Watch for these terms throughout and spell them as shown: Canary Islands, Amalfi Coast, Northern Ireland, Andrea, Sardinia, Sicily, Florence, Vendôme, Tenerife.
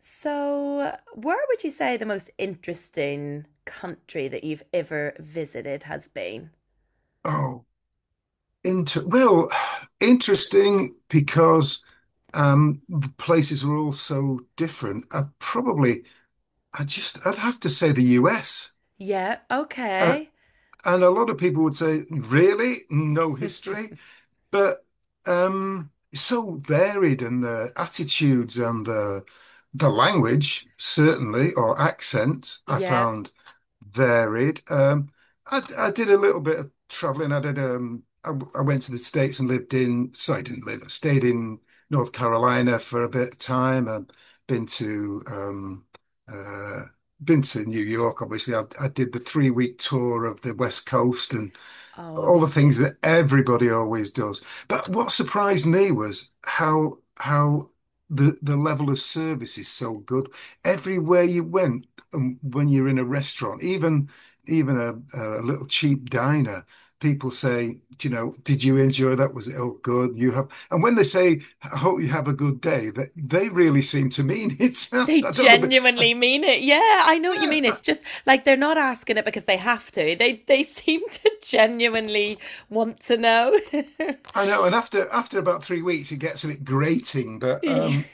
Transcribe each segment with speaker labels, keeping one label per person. Speaker 1: So, where would you say the most interesting country that you've ever visited has been?
Speaker 2: Oh, inter well, interesting because the places were all so different. I just I'd have to say the US.
Speaker 1: Yeah,
Speaker 2: Uh,
Speaker 1: okay.
Speaker 2: and a lot of people would say, really? No history? But it's so varied, and the attitudes and the language, certainly, or accent, I
Speaker 1: Yeah.
Speaker 2: found varied. I did a little bit of traveling. I did. I went to the States and lived in. Sorry, I didn't live. I stayed in North Carolina for a bit of time. I've been to um, uh, been to New York. Obviously, I did the 3 week tour of the West Coast and
Speaker 1: Oh,
Speaker 2: all the things
Speaker 1: amazing.
Speaker 2: that everybody always does. But what surprised me was how the level of service is so good. Everywhere you went, when you're in a restaurant, even a little cheap diner, people say, "Do you know, did you enjoy that? Was it all good? You have." And when they say, "I hope you have a good day," that they really seem to mean it.
Speaker 1: They
Speaker 2: I don't know, but
Speaker 1: genuinely mean it. Yeah, I know what you
Speaker 2: yeah,
Speaker 1: mean. It's just like they're not asking it because they have to. They seem to genuinely want to know.
Speaker 2: I know. And after about 3 weeks, it gets a bit grating, but
Speaker 1: Yeah.
Speaker 2: um,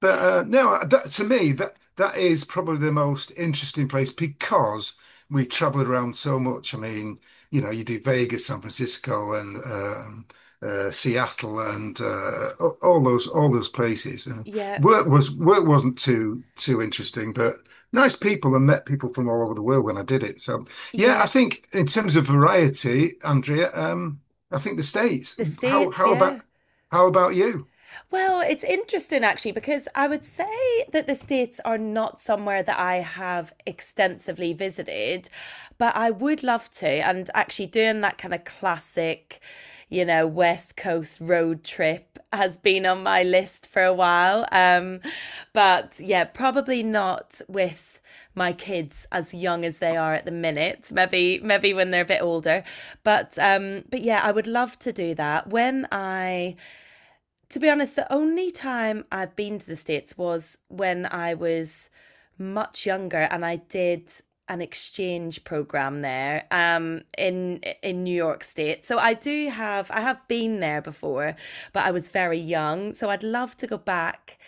Speaker 2: But uh, no, that, to me, that is probably the most interesting place because we traveled around so much. I mean, you know, you do Vegas, San Francisco, and Seattle, and all those places. And
Speaker 1: Yeah.
Speaker 2: work wasn't too interesting, but nice people, and met people from all over the world when I did it. So yeah, I
Speaker 1: Yeah.
Speaker 2: think in terms of variety, Andrea, I think the States.
Speaker 1: The
Speaker 2: How
Speaker 1: States,
Speaker 2: how
Speaker 1: yeah.
Speaker 2: about how about you?
Speaker 1: Well, it's interesting actually because I would say that the States are not somewhere that I have extensively visited, but I would love to. And actually, doing that kind of classic, you know, West Coast road trip has been on my list for a while. But yeah, probably not with my kids as young as they are at the minute, maybe when they're a bit older, but yeah, I would love to do that when I to be honest, the only time I've been to the States was when I was much younger, and I did an exchange program there in New York state. So I do have, I have been there before, but I was very young. So I'd love to go back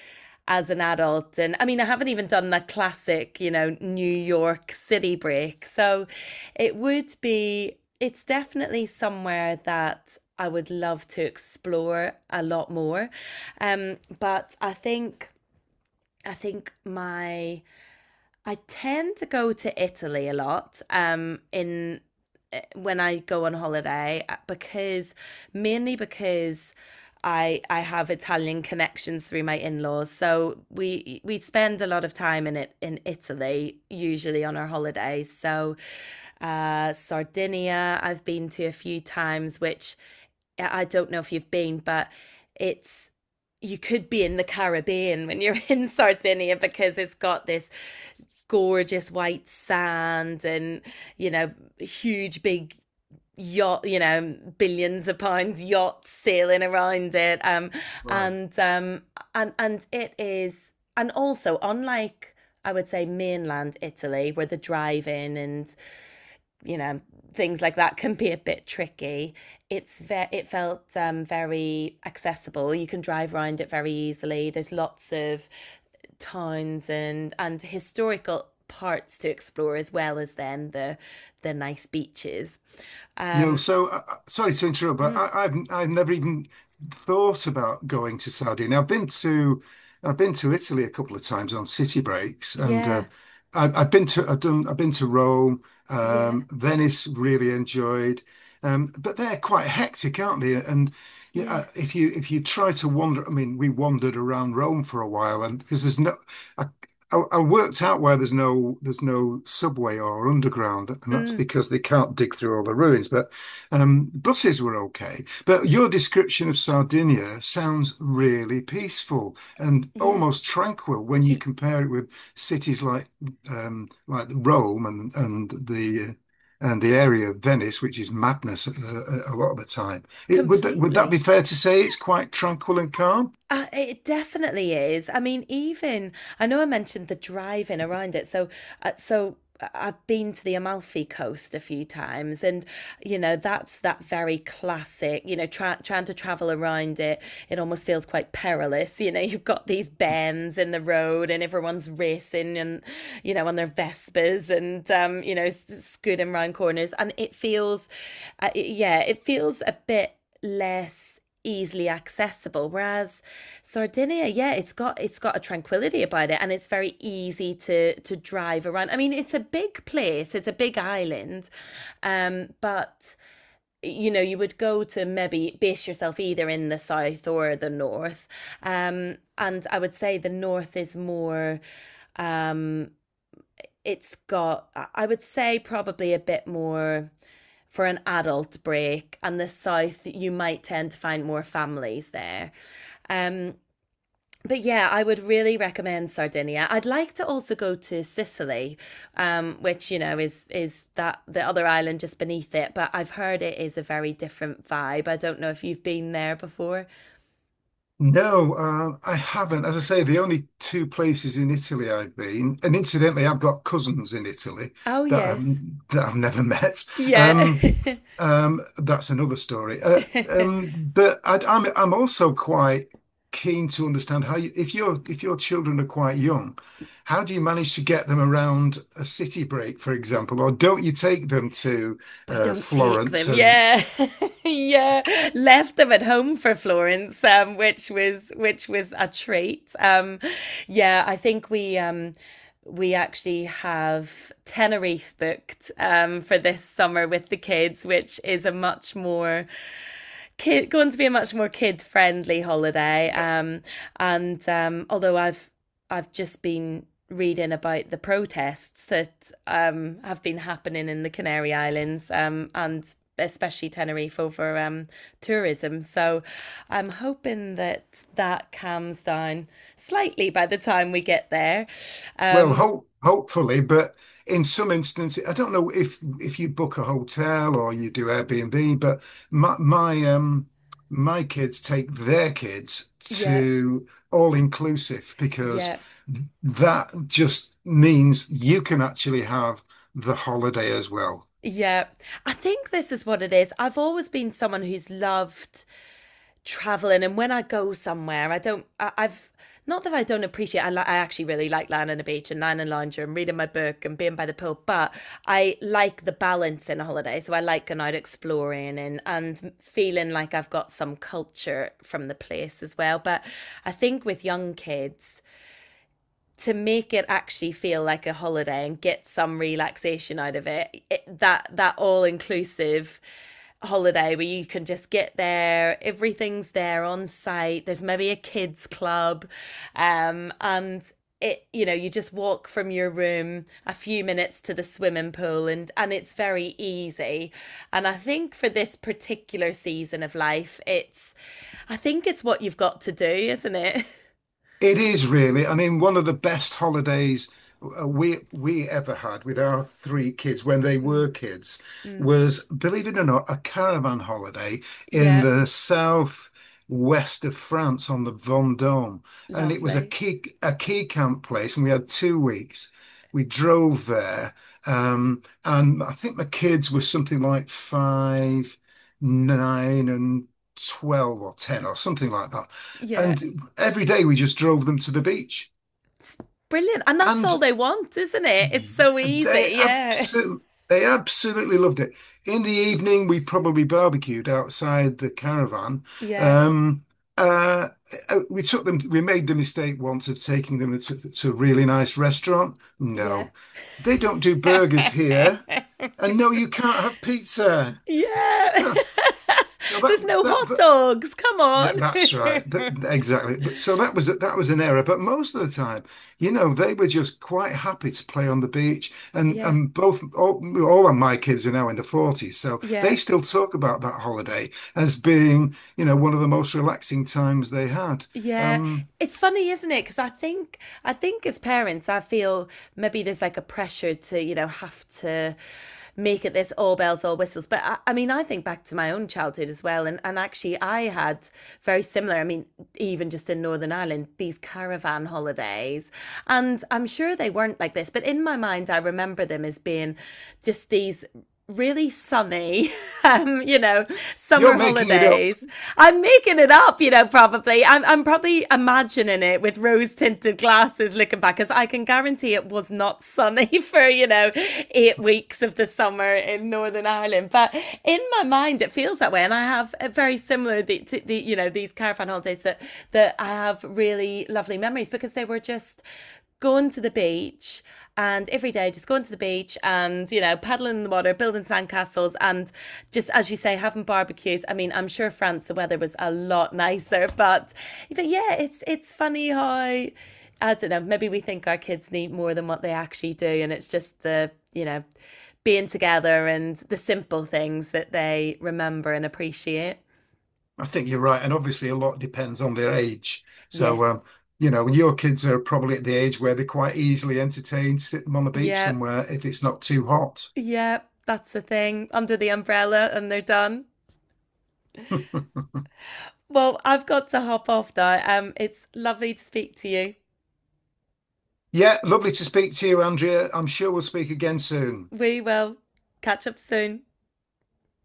Speaker 1: as an adult. And I mean, I haven't even done the classic, you know, New York city break. So it would be, it's definitely somewhere that I would love to explore a lot more. But I think, I think my I tend to go to Italy a lot when I go on holiday, because mainly because I have Italian connections through my in-laws. So we spend a lot of time in it in Italy usually on our holidays. So Sardinia I've been to a few times, which I don't know if you've been, but it's, you could be in the Caribbean when you're in Sardinia because it's got this gorgeous white sand and, you know, huge big yacht, you know, billions of pounds yachts sailing around it.
Speaker 2: Wow.
Speaker 1: And and it is, and also, unlike, I would say, mainland Italy where the drive in and, you know, things like that can be a bit tricky, it felt very accessible. You can drive around it very easily. There's lots of towns and historical parts to explore, as well as then the nice beaches.
Speaker 2: Yo,
Speaker 1: um
Speaker 2: so sorry to interrupt, but
Speaker 1: mm,
Speaker 2: I've never even thought about going to Saudi. Now, I've been to Italy a couple of times on city breaks, and uh,
Speaker 1: yeah.
Speaker 2: I've I've been to I've done I've been to Rome,
Speaker 1: Yeah.
Speaker 2: Venice. Really enjoyed, but they're quite hectic, aren't they? And yeah,
Speaker 1: Yeah.
Speaker 2: if you try to wander, I mean, we wandered around Rome for a while, and because there's no. I worked out why there's no subway or underground, and that's
Speaker 1: mm,
Speaker 2: because they can't dig through all the ruins. But buses were okay. But your description of Sardinia sounds really peaceful and
Speaker 1: yeah.
Speaker 2: almost tranquil when you
Speaker 1: e-
Speaker 2: compare it with cities like Rome and the area of Venice, which is madness, a lot of the time. It, would that be
Speaker 1: Completely.
Speaker 2: fair to say? It's quite tranquil and calm.
Speaker 1: It definitely is. I mean, even, I know I mentioned the driving around it. So, I've been to the Amalfi Coast a few times, and you know, that's that very classic. You know, trying to travel around it, it almost feels quite perilous. You know, you've got these bends in the road, and everyone's racing and, you know, on their Vespers and, you know, scooting round corners. And it feels, yeah, it feels a bit less easily accessible, whereas Sardinia, yeah, it's got a tranquility about it, and it's very easy to drive around. I mean, it's a big place, it's a big island. But you know, you would go to maybe base yourself either in the south or the north. And I would say the north is more, um it's got, would say probably a bit more for an adult break, and the south you might tend to find more families there. um but yeah, I would really recommend Sardinia. I'd like to also go to Sicily, which, you know, is that the other island just beneath it. But I've heard it is a very different vibe. I don't know if you've been there before.
Speaker 2: No, I haven't. As I say, the only two places in Italy I've been, and incidentally, I've got cousins in Italy
Speaker 1: Oh
Speaker 2: that I've,
Speaker 1: yes,
Speaker 2: that I've never met.
Speaker 1: yeah.
Speaker 2: Um, that's another story. But I'm also quite keen to understand how you, if your children are quite young, how do you manage to get them around a city break, for example, or don't you take them to
Speaker 1: We don't take
Speaker 2: Florence
Speaker 1: them.
Speaker 2: and.
Speaker 1: Yeah, yeah. Left them at home for Florence, which was a treat. Yeah, I think we actually have Tenerife booked for this summer with the kids, which is a much more going to be a much more kid friendly holiday.
Speaker 2: Yes.
Speaker 1: And although I've just been reading about the protests that have been happening in the Canary Islands and especially Tenerife over tourism. So I'm hoping that that calms down slightly by the time we get there.
Speaker 2: Well,
Speaker 1: Um,
Speaker 2: hopefully, but in some instances, I don't know if you book a hotel or you do Airbnb, but my my um my kids take their kids
Speaker 1: yeah,
Speaker 2: to all inclusive because
Speaker 1: yeah.
Speaker 2: that just means you can actually have the holiday as well.
Speaker 1: Yeah, I think this is what it is. I've always been someone who's loved traveling, and when I go somewhere, I don't I, I've not that I don't appreciate, I actually really like lying on the beach and lying in lounger and reading my book and being by the pool. But I like the balance in a holiday, so I like going out exploring and feeling like I've got some culture from the place as well. But I think with young kids, to make it actually feel like a holiday and get some relaxation out of it, that all inclusive holiday where you can just get there, everything's there on site, there's maybe a kids club, and, it, you know, you just walk from your room a few minutes to the swimming pool, and it's very easy. And I think for this particular season of life, it's I think it's what you've got to do, isn't it?
Speaker 2: It is really. I mean, one of the best holidays we ever had with our three kids when they
Speaker 1: mm,
Speaker 2: were kids
Speaker 1: mm,
Speaker 2: was, believe it or not, a caravan holiday in
Speaker 1: yeah.
Speaker 2: the south west of France on the Vendôme, and it was
Speaker 1: Lovely.
Speaker 2: a key camp place, and we had 2 weeks. We drove there, and I think my kids were something like five, nine, and 12 or 10 or something like that.
Speaker 1: Yeah.
Speaker 2: And every day we just drove them to the beach.
Speaker 1: Brilliant. And that's all
Speaker 2: And
Speaker 1: they want, isn't it? It's so easy.
Speaker 2: they
Speaker 1: Yeah.
Speaker 2: absolutely they absolutely loved it. In the evening, we probably barbecued outside the caravan.
Speaker 1: Yeah.
Speaker 2: Um, uh, we took them, we made the mistake once of taking them to a really nice restaurant.
Speaker 1: Yeah.
Speaker 2: No, they don't do burgers here. And no, you can't have pizza.
Speaker 1: Yeah.
Speaker 2: So, so
Speaker 1: There's
Speaker 2: that
Speaker 1: no
Speaker 2: that
Speaker 1: hot
Speaker 2: but
Speaker 1: dogs. Come
Speaker 2: yeah,
Speaker 1: on.
Speaker 2: that's right. Exactly. But so that was an error. But most of the time, you know, they were just quite happy to play on the beach.
Speaker 1: Yeah.
Speaker 2: All of my kids are now in the 40s, so they
Speaker 1: Yeah.
Speaker 2: still talk about that holiday as being, you know, one of the most relaxing times they had.
Speaker 1: Yeah.
Speaker 2: Um,
Speaker 1: It's funny, isn't it? Because I think as parents, I feel maybe there's like a pressure to, you know, have to make it this all bells all whistles. But I mean, I think back to my own childhood as well, and actually I had very similar. I mean, even just in Northern Ireland, these caravan holidays, and I'm sure they weren't like this, but in my mind I remember them as being just these really sunny, you know,
Speaker 2: you're
Speaker 1: summer
Speaker 2: making it up.
Speaker 1: holidays. I'm making it up, you know, probably. I'm probably imagining it with rose tinted glasses looking back, because I can guarantee it was not sunny for, you know, 8 weeks of the summer in Northern Ireland. But in my mind, it feels that way. And I have a very similar, to the, you know, these caravan holidays that, that I have really lovely memories because they were just going to the beach. And every day, just going to the beach and, you know, paddling in the water, building sandcastles, and just as you say, having barbecues. I mean, I'm sure France the weather was a lot nicer, but yeah, it's funny how I don't know, maybe we think our kids need more than what they actually do, and it's just the, you know, being together and the simple things that they remember and appreciate.
Speaker 2: I think you're right, and obviously a lot depends on their age. So
Speaker 1: Yes,
Speaker 2: you know, your kids are probably at the age where they're quite easily entertained sitting on the beach
Speaker 1: yeah.
Speaker 2: somewhere if it's not too hot.
Speaker 1: Yeah, that's the thing. Under the umbrella and they're done. Well, I've got to hop off now. It's lovely to speak to you.
Speaker 2: Yeah, lovely to speak to you, Andrea. I'm sure we'll speak again soon.
Speaker 1: We will catch up soon.